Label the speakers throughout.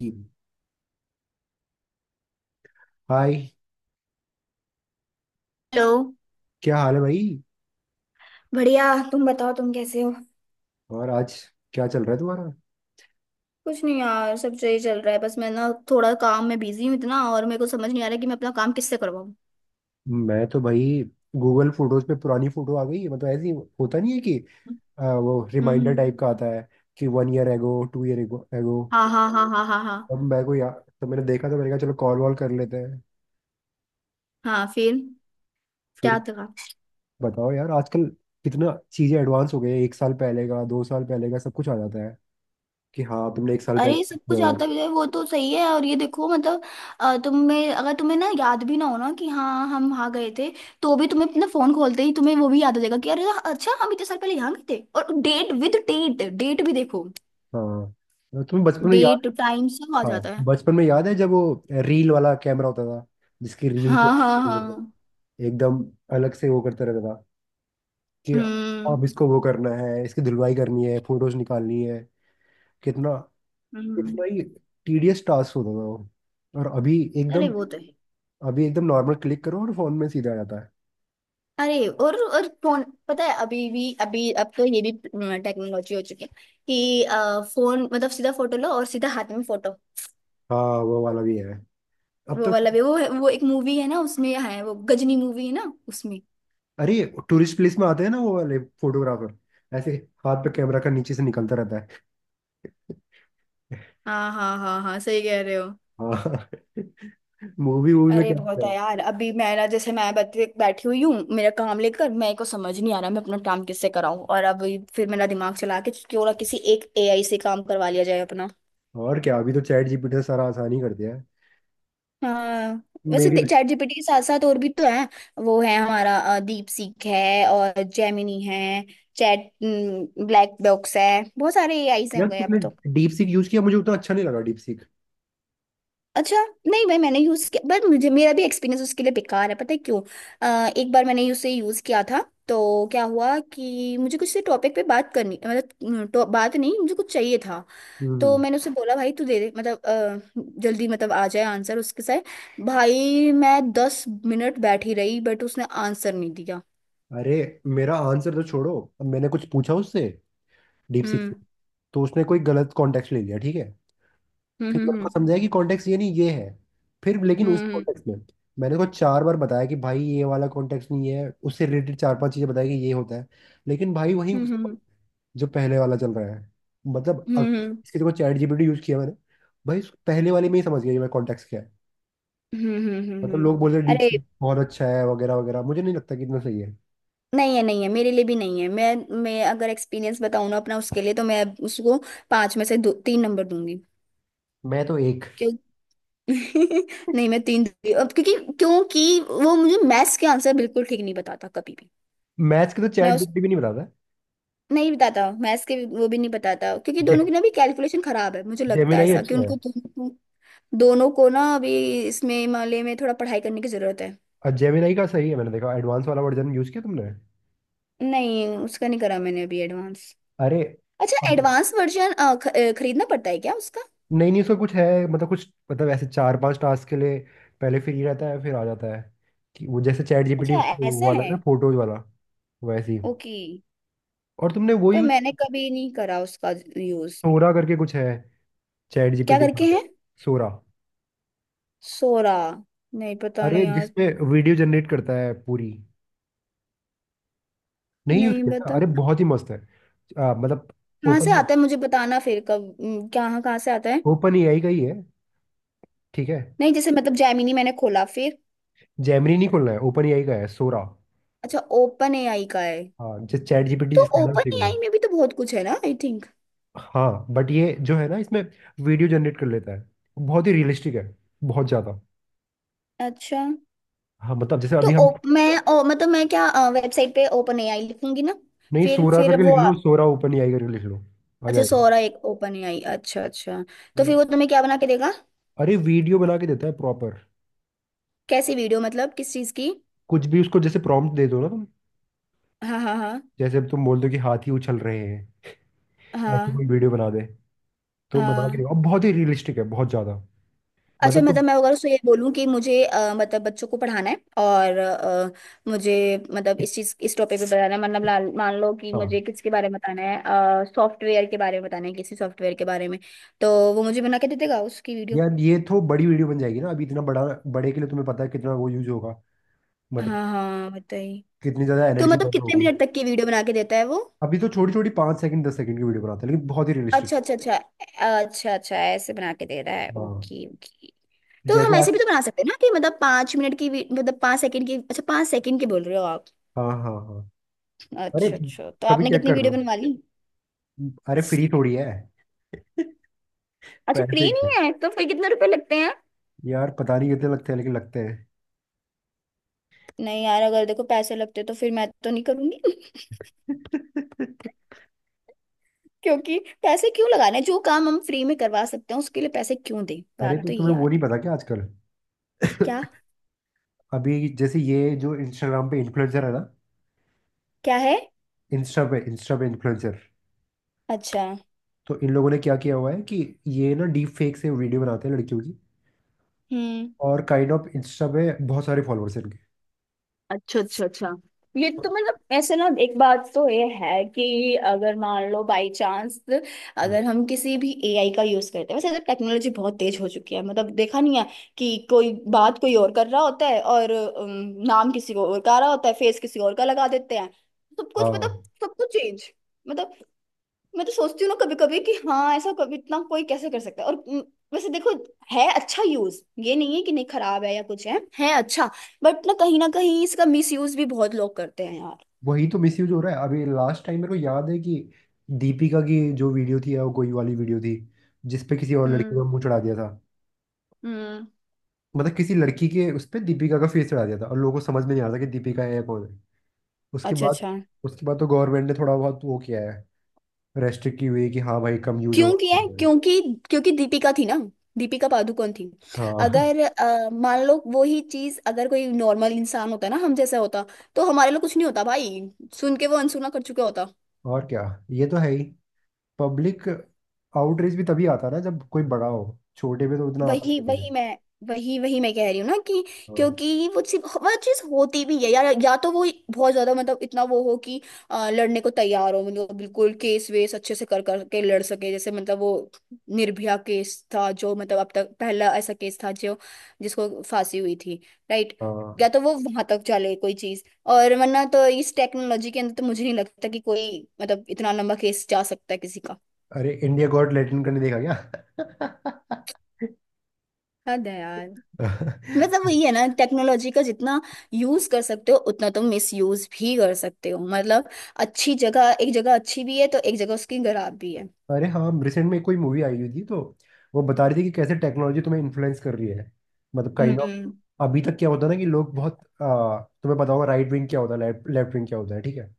Speaker 1: जी। Hi,
Speaker 2: hello.
Speaker 1: क्या हाल है भाई।
Speaker 2: बढ़िया। तुम बताओ, तुम कैसे हो?
Speaker 1: और आज क्या चल रहा है तुम्हारा।
Speaker 2: कुछ नहीं यार, सब सही चल रहा है। बस मैं ना थोड़ा काम में बिजी हूँ इतना, और मेरे को समझ नहीं आ रहा कि मैं अपना काम किससे करवाऊँ।
Speaker 1: मैं तो भाई गूगल फोटोज पे पुरानी फोटो आ गई है। मतलब ऐसी होता नहीं है कि वो रिमाइंडर
Speaker 2: हम्म।
Speaker 1: टाइप का आता है कि one year ago, two year ago ago
Speaker 2: हाँ, हाँ, हाँ, हाँ, हाँ, हाँ,
Speaker 1: अब मैं को यार, तो मैंने देखा, तो मैंने कहा चलो कॉल वॉल कर लेते हैं
Speaker 2: हाँ। फिर क्या
Speaker 1: फिर।
Speaker 2: था?
Speaker 1: बताओ यार आजकल कितना चीजें एडवांस हो गई है। एक साल पहले का, 2 साल पहले का सब कुछ आ जाता है कि हाँ तुमने 1 साल पहले
Speaker 2: अरे, सब
Speaker 1: किया
Speaker 2: कुछ
Speaker 1: हो।
Speaker 2: आता भी है, वो तो सही है। और ये देखो मतलब, तुम्हें, अगर तुम्हें ना याद भी ना हो ना कि हाँ हम वहाँ गए थे, तो भी तुम्हें अपना फोन खोलते ही तुम्हें वो भी याद हो जाएगा कि अरे, अच्छा हम इतने साल पहले यहाँ गए थे। और डेट विद डेट डेट भी देखो,
Speaker 1: हाँ तुम्हें बचपन में याद,
Speaker 2: डेट टाइम सब आ
Speaker 1: हाँ
Speaker 2: जाता है।
Speaker 1: बचपन में याद है जब वो रील वाला कैमरा होता था जिसकी रील के
Speaker 2: हाँ, हाँ, हाँ।
Speaker 1: एकदम अलग से वो करते रहता था कि
Speaker 2: हम्म,
Speaker 1: अब इसको वो करना है, इसकी धुलवाई करनी है, फोटोज निकालनी है। कितना,
Speaker 2: हम्म।
Speaker 1: कितना ही टीडियस टास्क होता था वो। और अभी
Speaker 2: अरे
Speaker 1: एकदम,
Speaker 2: वो तो है।
Speaker 1: अभी एकदम नॉर्मल क्लिक करो और फोन में सीधा आ जाता है।
Speaker 2: अरे और फोन, पता है अभी भी अभी अब तो ये भी टेक्नोलॉजी हो चुकी है कि फोन मतलब सीधा फोटो लो और सीधा हाथ में फोटो।
Speaker 1: हाँ वो वाला भी है अब
Speaker 2: वो
Speaker 1: तो।
Speaker 2: वाला भी वो है, वो एक मूवी है ना उसमें है, वो गजनी मूवी है ना उसमें।
Speaker 1: अरे टूरिस्ट प्लेस में आते हैं ना, वो वाले फोटोग्राफर ऐसे हाथ पे कैमरा का नीचे से निकलता रहता है।
Speaker 2: हाँ, हाँ, हाँ, हाँ, सही कह रहे हो।
Speaker 1: हाँ, मूवी मूवी में
Speaker 2: अरे
Speaker 1: क्या।
Speaker 2: बहुत है यार। अभी मेरा, जैसे मैं बैठी बैठी हुई हूँ मेरा काम लेकर, मेरे को समझ नहीं आ रहा मैं अपना काम किससे कराऊं। और अब फिर मेरा दिमाग चला के क्यों ना किसी एक एआई से काम करवा लिया जाए अपना।
Speaker 1: और क्या, अभी तो चैट जीपीटी ने सारा आसानी कर दिया है।
Speaker 2: हाँ। वैसे
Speaker 1: मेरी अरे,
Speaker 2: चैट जीपीटी के साथ साथ और भी तो हैं। वो है हमारा दीप सीख है और जेमिनी है। चैट ब्लैक बॉक्स है। बहुत सारे एआईज हैं
Speaker 1: यार
Speaker 2: हो गए अब
Speaker 1: तुमने
Speaker 2: तो।
Speaker 1: डीप सीक यूज किया, मुझे उतना अच्छा नहीं लगा डीप सीक।
Speaker 2: अच्छा। नहीं भाई मैंने यूज किया, बट मुझे, मेरा भी एक्सपीरियंस उसके लिए बेकार है, पता है क्यों? एक बार मैंने उसे यूज किया था, तो क्या हुआ कि मुझे कुछ से टॉपिक पे बात करनी मतलब, तो बात नहीं, मुझे कुछ चाहिए था। तो
Speaker 1: हम्म।
Speaker 2: मैंने उसे बोला भाई तू दे दे मतलब जल्दी मतलब आ जाए आंसर, उसके साथ भाई मैं 10 मिनट बैठी रही बट उसने आंसर नहीं दिया।
Speaker 1: अरे मेरा आंसर तो छोड़ो, अब मैंने कुछ पूछा उससे, डीप सीक
Speaker 2: हम्म,
Speaker 1: से, तो उसने कोई गलत कॉन्टेक्स्ट ले लिया, ठीक है।
Speaker 2: हम्म,
Speaker 1: फिर मेरे को
Speaker 2: हम्म,
Speaker 1: समझाया कि कॉन्टेक्स्ट ये नहीं, ये है। फिर लेकिन उस
Speaker 2: हम्म,
Speaker 1: कॉन्टेक्स्ट में मैंने उसको 4 बार बताया कि भाई ये वाला कॉन्टेक्स्ट नहीं है, उससे रिलेटेड चार पांच चीजें बताई कि ये होता है। लेकिन भाई वही
Speaker 2: हम्म,
Speaker 1: उसका
Speaker 2: हम्म,
Speaker 1: जो पहले वाला चल रहा है। मतलब
Speaker 2: हम्म, हम्म,
Speaker 1: अगर
Speaker 2: हम्म,
Speaker 1: इसके देखो, चैट जीपीटी यूज किया मैंने, भाई उस पहले वाले में ही समझ गया ये मैं, कॉन्टेक्स्ट क्या है।
Speaker 2: हम्म,
Speaker 1: मतलब लोग बोल रहे हैं डीप
Speaker 2: अरे।
Speaker 1: सीक बहुत अच्छा है वगैरह वगैरह, मुझे नहीं लगता कि इतना सही है।
Speaker 2: नहीं है, नहीं है मेरे लिए भी नहीं है। मैं अगर एक्सपीरियंस बताऊँ ना अपना उसके लिए, तो मैं उसको पाँच में से दो तीन नंबर दूंगी।
Speaker 1: मैं तो एक,
Speaker 2: क्यों? नहीं मैं तीन दूंगी अब, क्योंकि क्योंकि वो मुझे मैथ्स के आंसर बिल्कुल ठीक नहीं बताता कभी भी।
Speaker 1: मैथ्स के तो
Speaker 2: मैं
Speaker 1: चैट
Speaker 2: उस
Speaker 1: जीपीटी भी नहीं बनाता है।
Speaker 2: नहीं बताता। वो भी नहीं बताता क्योंकि
Speaker 1: जे
Speaker 2: दोनों की ना भी कैलकुलेशन खराब है, मुझे लगता है
Speaker 1: जेमिनाई
Speaker 2: ऐसा, कि
Speaker 1: अच्छा है।
Speaker 2: उनको दोनों दोनों को ना अभी इसमें मामले में थोड़ा पढ़ाई करने की जरूरत है।
Speaker 1: और जेमिनाई का सही है, मैंने देखा। एडवांस वाला वर्जन यूज किया तुमने?
Speaker 2: नहीं उसका नहीं करा मैंने अभी एडवांस।
Speaker 1: अरे
Speaker 2: अच्छा
Speaker 1: अब
Speaker 2: एडवांस वर्जन खरीदना पड़ता है क्या उसका?
Speaker 1: नहीं नहीं, उसका कुछ है मतलब, कुछ मतलब ऐसे चार पांच टास्क के लिए पहले फ्री रहता है, फिर आ जाता है कि वो, जैसे चैट जीपीटी
Speaker 2: अच्छा, ऐसा
Speaker 1: वाला है
Speaker 2: है।
Speaker 1: ना फोटोज वाला, वैसे ही।
Speaker 2: ओके।
Speaker 1: और तुमने वो
Speaker 2: पर
Speaker 1: यूज
Speaker 2: मैंने
Speaker 1: किया,
Speaker 2: कभी नहीं करा उसका यूज।
Speaker 1: सोरा करके कुछ है चैट
Speaker 2: क्या
Speaker 1: जीपीटी
Speaker 2: करके
Speaker 1: का,
Speaker 2: है?
Speaker 1: सोरा।
Speaker 2: सोरा? नहीं, पता
Speaker 1: अरे
Speaker 2: नहीं यार।
Speaker 1: जिसमें वीडियो जनरेट करता है पूरी। नहीं यूज
Speaker 2: नहीं
Speaker 1: किया?
Speaker 2: बता,
Speaker 1: अरे बहुत ही मस्त है। मतलब
Speaker 2: कहाँ से
Speaker 1: ओपन,
Speaker 2: आता है मुझे बताना फिर कब। कहाँ कहाँ से आता है।
Speaker 1: ओपन एआई का ही है, ठीक है।
Speaker 2: नहीं जैसे मतलब जैमिनी मैंने खोला फिर।
Speaker 1: जैमनी नहीं खोलना है, ओपन एआई का है सोरा।
Speaker 2: अच्छा, ओपन एआई का है।
Speaker 1: हाँ जिस, चैट जीपीटी
Speaker 2: तो
Speaker 1: जिसका नाम, ठीक
Speaker 2: ओपन
Speaker 1: है।
Speaker 2: एआई में भी तो बहुत कुछ है ना आई थिंक।
Speaker 1: हाँ बट ये जो है ना, इसमें वीडियो जनरेट कर लेता है, बहुत ही रियलिस्टिक है, बहुत ज्यादा।
Speaker 2: अच्छा।
Speaker 1: हाँ मतलब जैसे अभी हम,
Speaker 2: मतलब मैं क्या, वेबसाइट पे ओपन एआई लिखूंगी ना?
Speaker 1: नहीं
Speaker 2: फिर
Speaker 1: सोरा
Speaker 2: फिर
Speaker 1: करके लिख लो, सोरा ओपन एआई करके लिख लो, आ
Speaker 2: अच्छा
Speaker 1: जाएगा।
Speaker 2: सोरा एक ओपन एआई, अच्छा, अच्छा। तो
Speaker 1: नहीं।
Speaker 2: फिर वो तुम्हें क्या बना के देगा?
Speaker 1: अरे वीडियो बना के देता है प्रॉपर।
Speaker 2: कैसी वीडियो मतलब, किस चीज की?
Speaker 1: कुछ भी, उसको जैसे प्रॉम्प्ट दे दो ना तुम,
Speaker 2: हाँ, हाँ, हाँ,
Speaker 1: जैसे अब तुम बोल दो कि हाथी उछल रहे हैं, ऐसे कोई
Speaker 2: हाँ,
Speaker 1: वीडियो बना दे, तो बना के देगा।
Speaker 2: हाँ।
Speaker 1: और बहुत ही रियलिस्टिक है, बहुत ज्यादा।
Speaker 2: अच्छा
Speaker 1: मतलब तो,
Speaker 2: मतलब मैं अगर उसको ये बोलूँ कि मुझे मतलब बच्चों को पढ़ाना है, और मुझे मतलब इस टॉपिक पे बताना है मतलब मान लो कि मुझे
Speaker 1: हाँ।
Speaker 2: किसके बारे में बताना है, सॉफ्टवेयर के बारे में बताना है किसी सॉफ्टवेयर के बारे में, तो वो मुझे बना के दे देगा उसकी वीडियो।
Speaker 1: यार ये तो बड़ी वीडियो बन जाएगी ना, अभी इतना बड़ा, बड़े के लिए तुम्हें पता है कितना वो यूज होगा, मतलब
Speaker 2: हाँ, हाँ बताइए।
Speaker 1: कितनी ज्यादा
Speaker 2: तो
Speaker 1: एनर्जी
Speaker 2: मतलब
Speaker 1: बर्न
Speaker 2: कितने
Speaker 1: होगी।
Speaker 2: मिनट तक की वीडियो बना के देता है वो?
Speaker 1: अभी तो छोटी छोटी 5 सेकंड, 10 सेकंड की वीडियो बनाते हैं, लेकिन बहुत ही रियलिस्टिक।
Speaker 2: अच्छा, अच्छा, अच्छा, अच्छा, अच्छा, ऐसे बना के दे रहा है।
Speaker 1: हाँ
Speaker 2: ओके, ओके। तो
Speaker 1: जैसे
Speaker 2: हम ऐसे
Speaker 1: आज,
Speaker 2: भी तो बना सकते हैं ना कि मतलब 5 मिनट की मतलब 5 सेकंड की। अच्छा 5 सेकंड की बोल रहे हो आप?
Speaker 1: हाँ हाँ हाँ। अरे
Speaker 2: अच्छा, अच्छा। तो
Speaker 1: कभी
Speaker 2: आपने
Speaker 1: चेक
Speaker 2: कितनी
Speaker 1: कर लो,
Speaker 2: वीडियो बनवा ली?
Speaker 1: अरे फ्री थोड़ी है।
Speaker 2: अच्छा फ्री
Speaker 1: पैसे का,
Speaker 2: नहीं है? तो फिर कितने रुपए लगते हैं?
Speaker 1: यार पता नहीं कितने लगते हैं, लेकिन लगते हैं।
Speaker 2: नहीं यार अगर देखो पैसे लगते तो फिर मैं तो नहीं करूंगी। क्योंकि पैसे क्यों लगाने, जो काम हम फ्री में करवा सकते हैं उसके लिए पैसे क्यों दें,
Speaker 1: अरे
Speaker 2: बात
Speaker 1: तो
Speaker 2: तो ये
Speaker 1: तुम्हें वो
Speaker 2: यार।
Speaker 1: नहीं पता क्या आजकल?
Speaker 2: क्या?
Speaker 1: अभी जैसे ये जो इंस्टाग्राम पे इन्फ्लुएंसर है ना,
Speaker 2: क्या है?
Speaker 1: इंस्टा पे इन्फ्लुएंसर,
Speaker 2: अच्छा।
Speaker 1: तो इन लोगों ने क्या किया हुआ है कि ये ना डीप फेक से वीडियो बनाते हैं लड़कियों की,
Speaker 2: हम्म।
Speaker 1: और काइंड ऑफ इंस्टा पे बहुत सारे फॉलोअर्स हैं इनके।
Speaker 2: अच्छा, अच्छा, अच्छा। ये तो मतलब ऐसे ना, एक बात तो ये है कि अगर मान लो बाय चांस,
Speaker 1: तो-
Speaker 2: अगर हम किसी भी एआई का यूज करते हैं, वैसे टेक्नोलॉजी बहुत तेज हो चुकी है मतलब देखा नहीं है, कि कोई बात कोई और कर रहा होता है और नाम किसी को और का रहा होता है, फेस किसी और का लगा देते हैं, सब कुछ
Speaker 1: हाँ
Speaker 2: मतलब सब कुछ चेंज मतलब। मैं तो सोचती हूँ ना कभी कभी कि हाँ, ऐसा कभी इतना कोई कैसे कर सकता है? और वैसे देखो, है अच्छा यूज, ये नहीं है कि नहीं खराब है या कुछ, है अच्छा, बट ना कहीं इसका मिस यूज भी बहुत लोग करते हैं यार।
Speaker 1: वही तो मिसयूज हो रहा है। अभी लास्ट टाइम मेरे को याद है कि दीपिका की जो वीडियो थी, वो कोई वाली वीडियो थी जिसपे किसी और लड़की
Speaker 2: हम्म,
Speaker 1: का मुंह चढ़ा दिया था।
Speaker 2: हम्म।
Speaker 1: मतलब किसी लड़की के उस पे दीपिका का फेस चढ़ा दिया था और लोगों को समझ में नहीं आ रहा था कि दीपिका है या कौन है। उसके
Speaker 2: अच्छा,
Speaker 1: बाद,
Speaker 2: अच्छा।
Speaker 1: तो गवर्नमेंट ने थोड़ा बहुत वो किया है, रेस्ट्रिक्ट की हुई है कि हाँ भाई कम यूज
Speaker 2: क्यों किया
Speaker 1: होगा।
Speaker 2: है? क्योंकि, दीपिका थी ना, दीपिका पादुकोण थी।
Speaker 1: हाँ
Speaker 2: अगर मान लो वो ही चीज अगर कोई नॉर्मल इंसान होता ना, हम जैसा होता, तो हमारे लिए कुछ नहीं होता भाई, सुन के वो अनसुना कर चुका होता।
Speaker 1: और क्या, ये तो है ही। पब्लिक आउटरीच भी तभी आता है ना जब कोई बड़ा हो, छोटे में तो उतना आता
Speaker 2: वही
Speaker 1: नहीं है।
Speaker 2: वही मैं वही वही मैं कह रही हूँ ना, कि
Speaker 1: हाँ
Speaker 2: क्योंकि वो सिर्फ वह चीज होती भी है, या तो वो बहुत ज्यादा मतलब इतना वो हो कि लड़ने को तैयार हो, मतलब बिल्कुल केस वेस अच्छे से कर कर के लड़ सके, जैसे मतलब वो निर्भया केस था जो, मतलब अब तक पहला ऐसा केस था जो, जिसको फांसी हुई थी, राइट?
Speaker 1: हाँ।
Speaker 2: या तो वो वहां तक चले कोई चीज, और वरना तो इस टेक्नोलॉजी के अंदर तो मुझे नहीं लगता कि कोई मतलब इतना लंबा केस जा सकता है किसी का।
Speaker 1: अरे इंडिया गॉट लैटिन का नहीं देखा क्या?
Speaker 2: हद है यार। मतलब वही है ना टेक्नोलॉजी का, जितना यूज कर सकते हो उतना तुम मिस यूज भी कर सकते हो मतलब। अच्छी जगह एक जगह अच्छी भी है तो एक जगह उसकी खराब भी है।
Speaker 1: अरे हाँ, रिसेंट में कोई मूवी आई हुई थी तो वो बता रही थी कि कैसे टेक्नोलॉजी तुम्हें इन्फ्लुएंस कर रही है, मतलब
Speaker 2: हम्म,
Speaker 1: काइंड ऑफ।
Speaker 2: हम्म,
Speaker 1: अभी तक क्या होता है ना कि लोग बहुत तुम्हें पता होगा राइट विंग क्या होता है, लेफ्ट लेफ्ट विंग क्या होता है, ठीक है।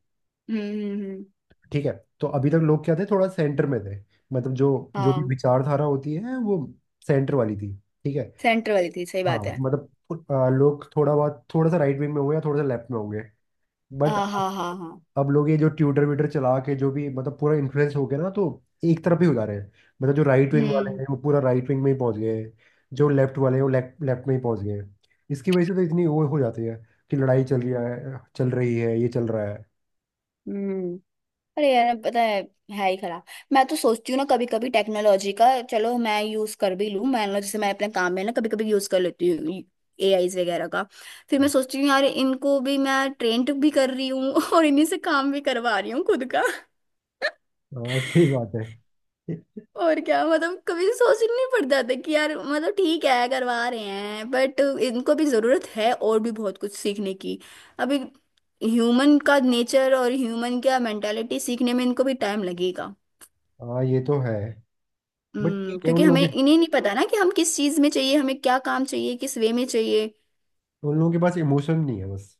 Speaker 2: हम्म।
Speaker 1: ठीक है। तो अभी तक लोग क्या थे, थोड़ा सेंटर में थे। मतलब जो, जो भी
Speaker 2: हाँ,
Speaker 1: विचारधारा होती है वो सेंटर वाली थी, ठीक है।
Speaker 2: सेंटर वाली थी, सही
Speaker 1: हाँ
Speaker 2: बात है।
Speaker 1: मतलब लोग थोड़ा बहुत, थोड़ा सा राइट विंग में होंगे या थोड़ा सा लेफ्ट में होंगे। बट
Speaker 2: हाँ,
Speaker 1: अब
Speaker 2: हाँ, हाँ, हाँ।
Speaker 1: अब लोग ये जो ट्यूटर व्यूटर चला के जो भी मतलब पूरा इन्फ्लुएंस हो गया ना, तो एक तरफ ही हो जा रहे हैं। मतलब जो राइट विंग वाले
Speaker 2: हम्म,
Speaker 1: हैं वो पूरा राइट विंग में ही पहुंच गए हैं, जो लेफ्ट वाले हैं वो लेफ्ट लेफ्ट में ही पहुंच गए हैं। इसकी वजह से तो इतनी वो हो जाती है कि लड़ाई चल रही है, चल रही है, ये चल रहा है।
Speaker 2: हम्म। अरे यार पता है ही खराब। मैं तो सोचती हूँ ना कभी कभी टेक्नोलॉजी का, चलो मैं यूज कर भी लूँ, मैं जैसे मैं अपने काम में ना कभी कभी यूज कर लेती हूँ एआई वगैरह का, फिर मैं सोचती हूँ यार इनको भी मैं ट्रेंड भी कर रही हूँ और इन्हीं से काम भी करवा रही हूँ खुद का।
Speaker 1: हाँ सही बात है।
Speaker 2: और क्या मतलब, कभी सोचना नहीं पड़ता था कि यार मतलब ठीक है करवा रहे हैं, बट इनको भी जरूरत है और भी बहुत कुछ सीखने की अभी। ह्यूमन का नेचर और ह्यूमन का मेंटालिटी सीखने में इनको भी टाइम लगेगा।
Speaker 1: हाँ ये तो है। बट
Speaker 2: हम्म।
Speaker 1: ठीक है, उन
Speaker 2: क्योंकि हमें
Speaker 1: लोगों के
Speaker 2: इन्हें नहीं पता ना कि हम किस चीज में चाहिए, हमें क्या काम चाहिए, किस वे में चाहिए।
Speaker 1: उन लोगों के पास इमोशन नहीं है बस।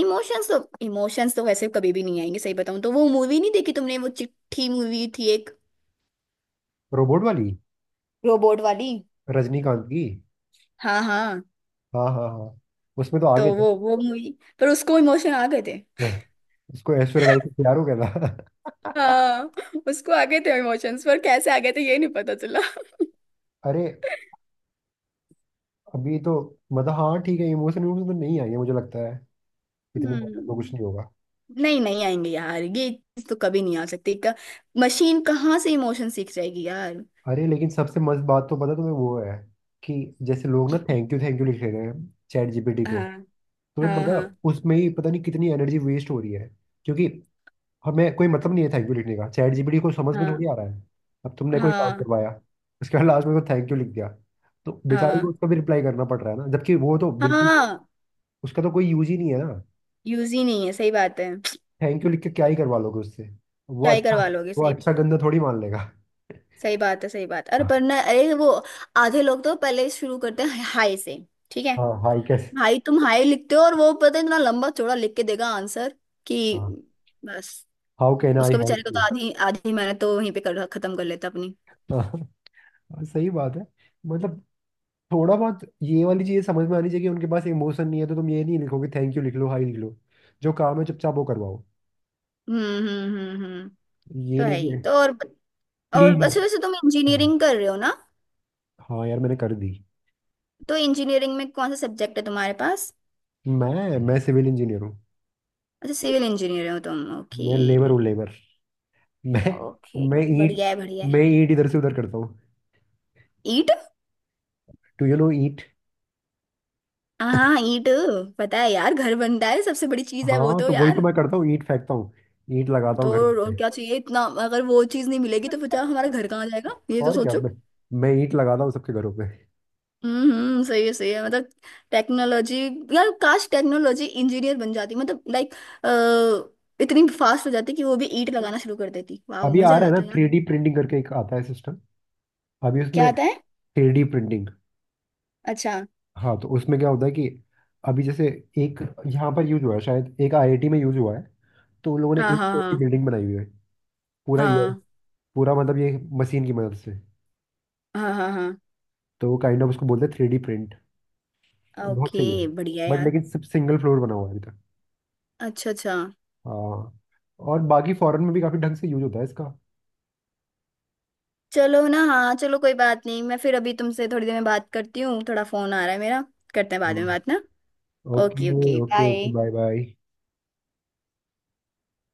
Speaker 2: इमोशंस तो इमोशंस तो वैसे कभी भी नहीं आएंगे। सही बताऊं तो वो मूवी नहीं देखी तुमने, वो चिट्ठी मूवी थी एक,
Speaker 1: रोबोट वाली,
Speaker 2: रोबोट वाली?
Speaker 1: रजनीकांत की।
Speaker 2: हाँ, हाँ।
Speaker 1: हाँ हाँ हाँ। उसमें तो आगे
Speaker 2: तो
Speaker 1: थे।
Speaker 2: वो मूवी, पर उसको इमोशन आ गए थे।
Speaker 1: उसको ऐश्वर्या राय से प्यार हो गया था।
Speaker 2: हाँ, उसको आ गए थे इमोशंस, पर कैसे आ गए थे ये नहीं पता चला।
Speaker 1: अरे अभी तो, मतलब हाँ ठीक है, इमोशन इमोशन तो नहीं आई है, मुझे लगता है इतनी बात तो कुछ नहीं
Speaker 2: हम्म।
Speaker 1: होगा।
Speaker 2: नहीं, नहीं आएंगे यार ये चीज तो कभी नहीं आ सकती। मशीन कहाँ से इमोशन सीख जाएगी यार।
Speaker 1: अरे लेकिन सबसे मस्त बात तो पता तुम्हें वो है कि जैसे लोग ना
Speaker 2: कि-
Speaker 1: थैंक यू, थैंक यू लिख रहे हैं चैट जीपीटी को।
Speaker 2: हाँ,
Speaker 1: तुम्हें
Speaker 2: हाँ,
Speaker 1: पता,
Speaker 2: हाँ,
Speaker 1: उसमें ही पता नहीं कितनी एनर्जी वेस्ट हो रही है, क्योंकि हमें कोई मतलब नहीं है थैंक यू लिखने का, चैट जीपीटी को समझ में
Speaker 2: हाँ,
Speaker 1: थोड़ी आ रहा है। अब तुमने कोई काम
Speaker 2: हाँ,
Speaker 1: करवाया, उसके बाद लास्ट में को थैंक यू लिख दिया, तो बेचारे को
Speaker 2: हाँ,
Speaker 1: उसका भी रिप्लाई करना पड़ रहा है ना, जबकि वो तो बिल्कुल,
Speaker 2: हाँ।
Speaker 1: उसका तो कोई यूज ही नहीं है ना।
Speaker 2: यूज ही नहीं है, सही बात है।
Speaker 1: थैंक यू लिख के क्या ही करवा लोगे उससे। वो
Speaker 2: क्या ही
Speaker 1: अच्छा,
Speaker 2: करवा लोगे,
Speaker 1: वो
Speaker 2: सही।
Speaker 1: अच्छा गंदा थोड़ी मान लेगा।
Speaker 2: सही बात है, सही बात। अरे पर ना, अरे वो आधे लोग तो पहले ही शुरू करते हैं हाय से। ठीक है
Speaker 1: हाँ हाई कैसे।
Speaker 2: भाई तुम हाय लिखते हो, और वो पता है इतना लंबा चौड़ा लिख के देगा आंसर कि
Speaker 1: हाँ,
Speaker 2: बस।
Speaker 1: हाउ कैन आई
Speaker 2: उसको बेचारे को
Speaker 1: हेल्प
Speaker 2: तो
Speaker 1: यू।
Speaker 2: आधी आधी मेहनत तो वहीं पे कर खत्म कर लेता अपनी।
Speaker 1: हाँ सही बात है। मतलब थोड़ा बहुत ये वाली चीज़ समझ में आनी चाहिए कि उनके पास इमोशन नहीं है, तो तुम ये नहीं लिखोगे, थैंक यू लिख लो, हाई लिख लो, जो काम है चुपचाप वो करवाओ।
Speaker 2: हम्म, हम्म, हम्म, हम्म। तो
Speaker 1: ये नहीं
Speaker 2: है ही
Speaker 1: कि
Speaker 2: तो। और
Speaker 1: प्लीज।
Speaker 2: अच्छा वैसे
Speaker 1: हाँ,
Speaker 2: तुम इंजीनियरिंग कर रहे हो ना।
Speaker 1: हाँ यार मैंने कर दी।
Speaker 2: तो इंजीनियरिंग में कौन सा सब्जेक्ट है तुम्हारे पास?
Speaker 1: मैं सिविल इंजीनियर हूँ।
Speaker 2: अच्छा सिविल इंजीनियर हो तुम। ओके।
Speaker 1: मैं लेबर हूँ, लेबर। मैं, मैं
Speaker 2: ओके,
Speaker 1: ईंट
Speaker 2: बढ़िया है, बढ़िया है।
Speaker 1: मैं ईंट इधर से उधर करता हूँ।
Speaker 2: ईंट।
Speaker 1: टू यू नो ईंट।
Speaker 2: हाँ, ईंट। पता है यार घर बनता है सबसे बड़ी चीज है वो
Speaker 1: हाँ
Speaker 2: तो
Speaker 1: तो वही तो
Speaker 2: यार।
Speaker 1: मैं करता हूँ, ईंट फेंकता हूँ, ईंट लगाता
Speaker 2: तो
Speaker 1: हूँ घरों
Speaker 2: और
Speaker 1: पे।
Speaker 2: क्या चाहिए इतना, अगर वो चीज नहीं मिलेगी तो बचा हमारा घर कहाँ जाएगा, ये तो
Speaker 1: और क्या,
Speaker 2: सोचो।
Speaker 1: मैं ईंट लगाता हूँ सबके घरों पे।
Speaker 2: हम्म, सही है, सही है। मतलब टेक्नोलॉजी, यार काश टेक्नोलॉजी इंजीनियर बन जाती मतलब लाइक इतनी फास्ट हो जाती कि वो भी ईंट लगाना शुरू कर देती, वाह
Speaker 1: अभी आ
Speaker 2: मजा आ
Speaker 1: रहा है ना
Speaker 2: जाता यार।
Speaker 1: 3D प्रिंटिंग करके एक आता है सिस्टम, अभी
Speaker 2: क्या
Speaker 1: उसमें,
Speaker 2: आता है?
Speaker 1: Three D printing.
Speaker 2: अच्छा।
Speaker 1: हाँ तो उसमें क्या होता है कि अभी जैसे एक, यहाँ पर यूज हुआ है, शायद एक आईआईटी में यूज हुआ है, तो उन लोगों ने
Speaker 2: हाँ,
Speaker 1: एक
Speaker 2: हाँ,
Speaker 1: फ्लोर की
Speaker 2: हाँ,
Speaker 1: बिल्डिंग बनाई हुई है पूरा, ये
Speaker 2: हाँ,
Speaker 1: पूरा मतलब, ये मशीन की मदद से।
Speaker 2: हाँ, हाँ, हाँ,
Speaker 1: तो वो काइंड ऑफ उसको बोलते हैं थ्री डी प्रिंट। तो
Speaker 2: हाँ,
Speaker 1: बहुत सही है,
Speaker 2: ओके बढ़िया
Speaker 1: बट
Speaker 2: यार।
Speaker 1: लेकिन सिर्फ सिंगल फ्लोर बना हुआ है अभी तक।
Speaker 2: अच्छा, अच्छा।
Speaker 1: हाँ, और बाकी फॉरेन में भी काफी ढंग से यूज होता है इसका।
Speaker 2: चलो ना, हाँ चलो कोई बात नहीं, मैं फिर अभी तुमसे थोड़ी देर में बात करती हूँ, थोड़ा फोन आ रहा है मेरा, करते हैं बाद में
Speaker 1: हाँ
Speaker 2: बात ना। Okay,
Speaker 1: okay
Speaker 2: okay
Speaker 1: okay okay,
Speaker 2: bye.
Speaker 1: Bye bye.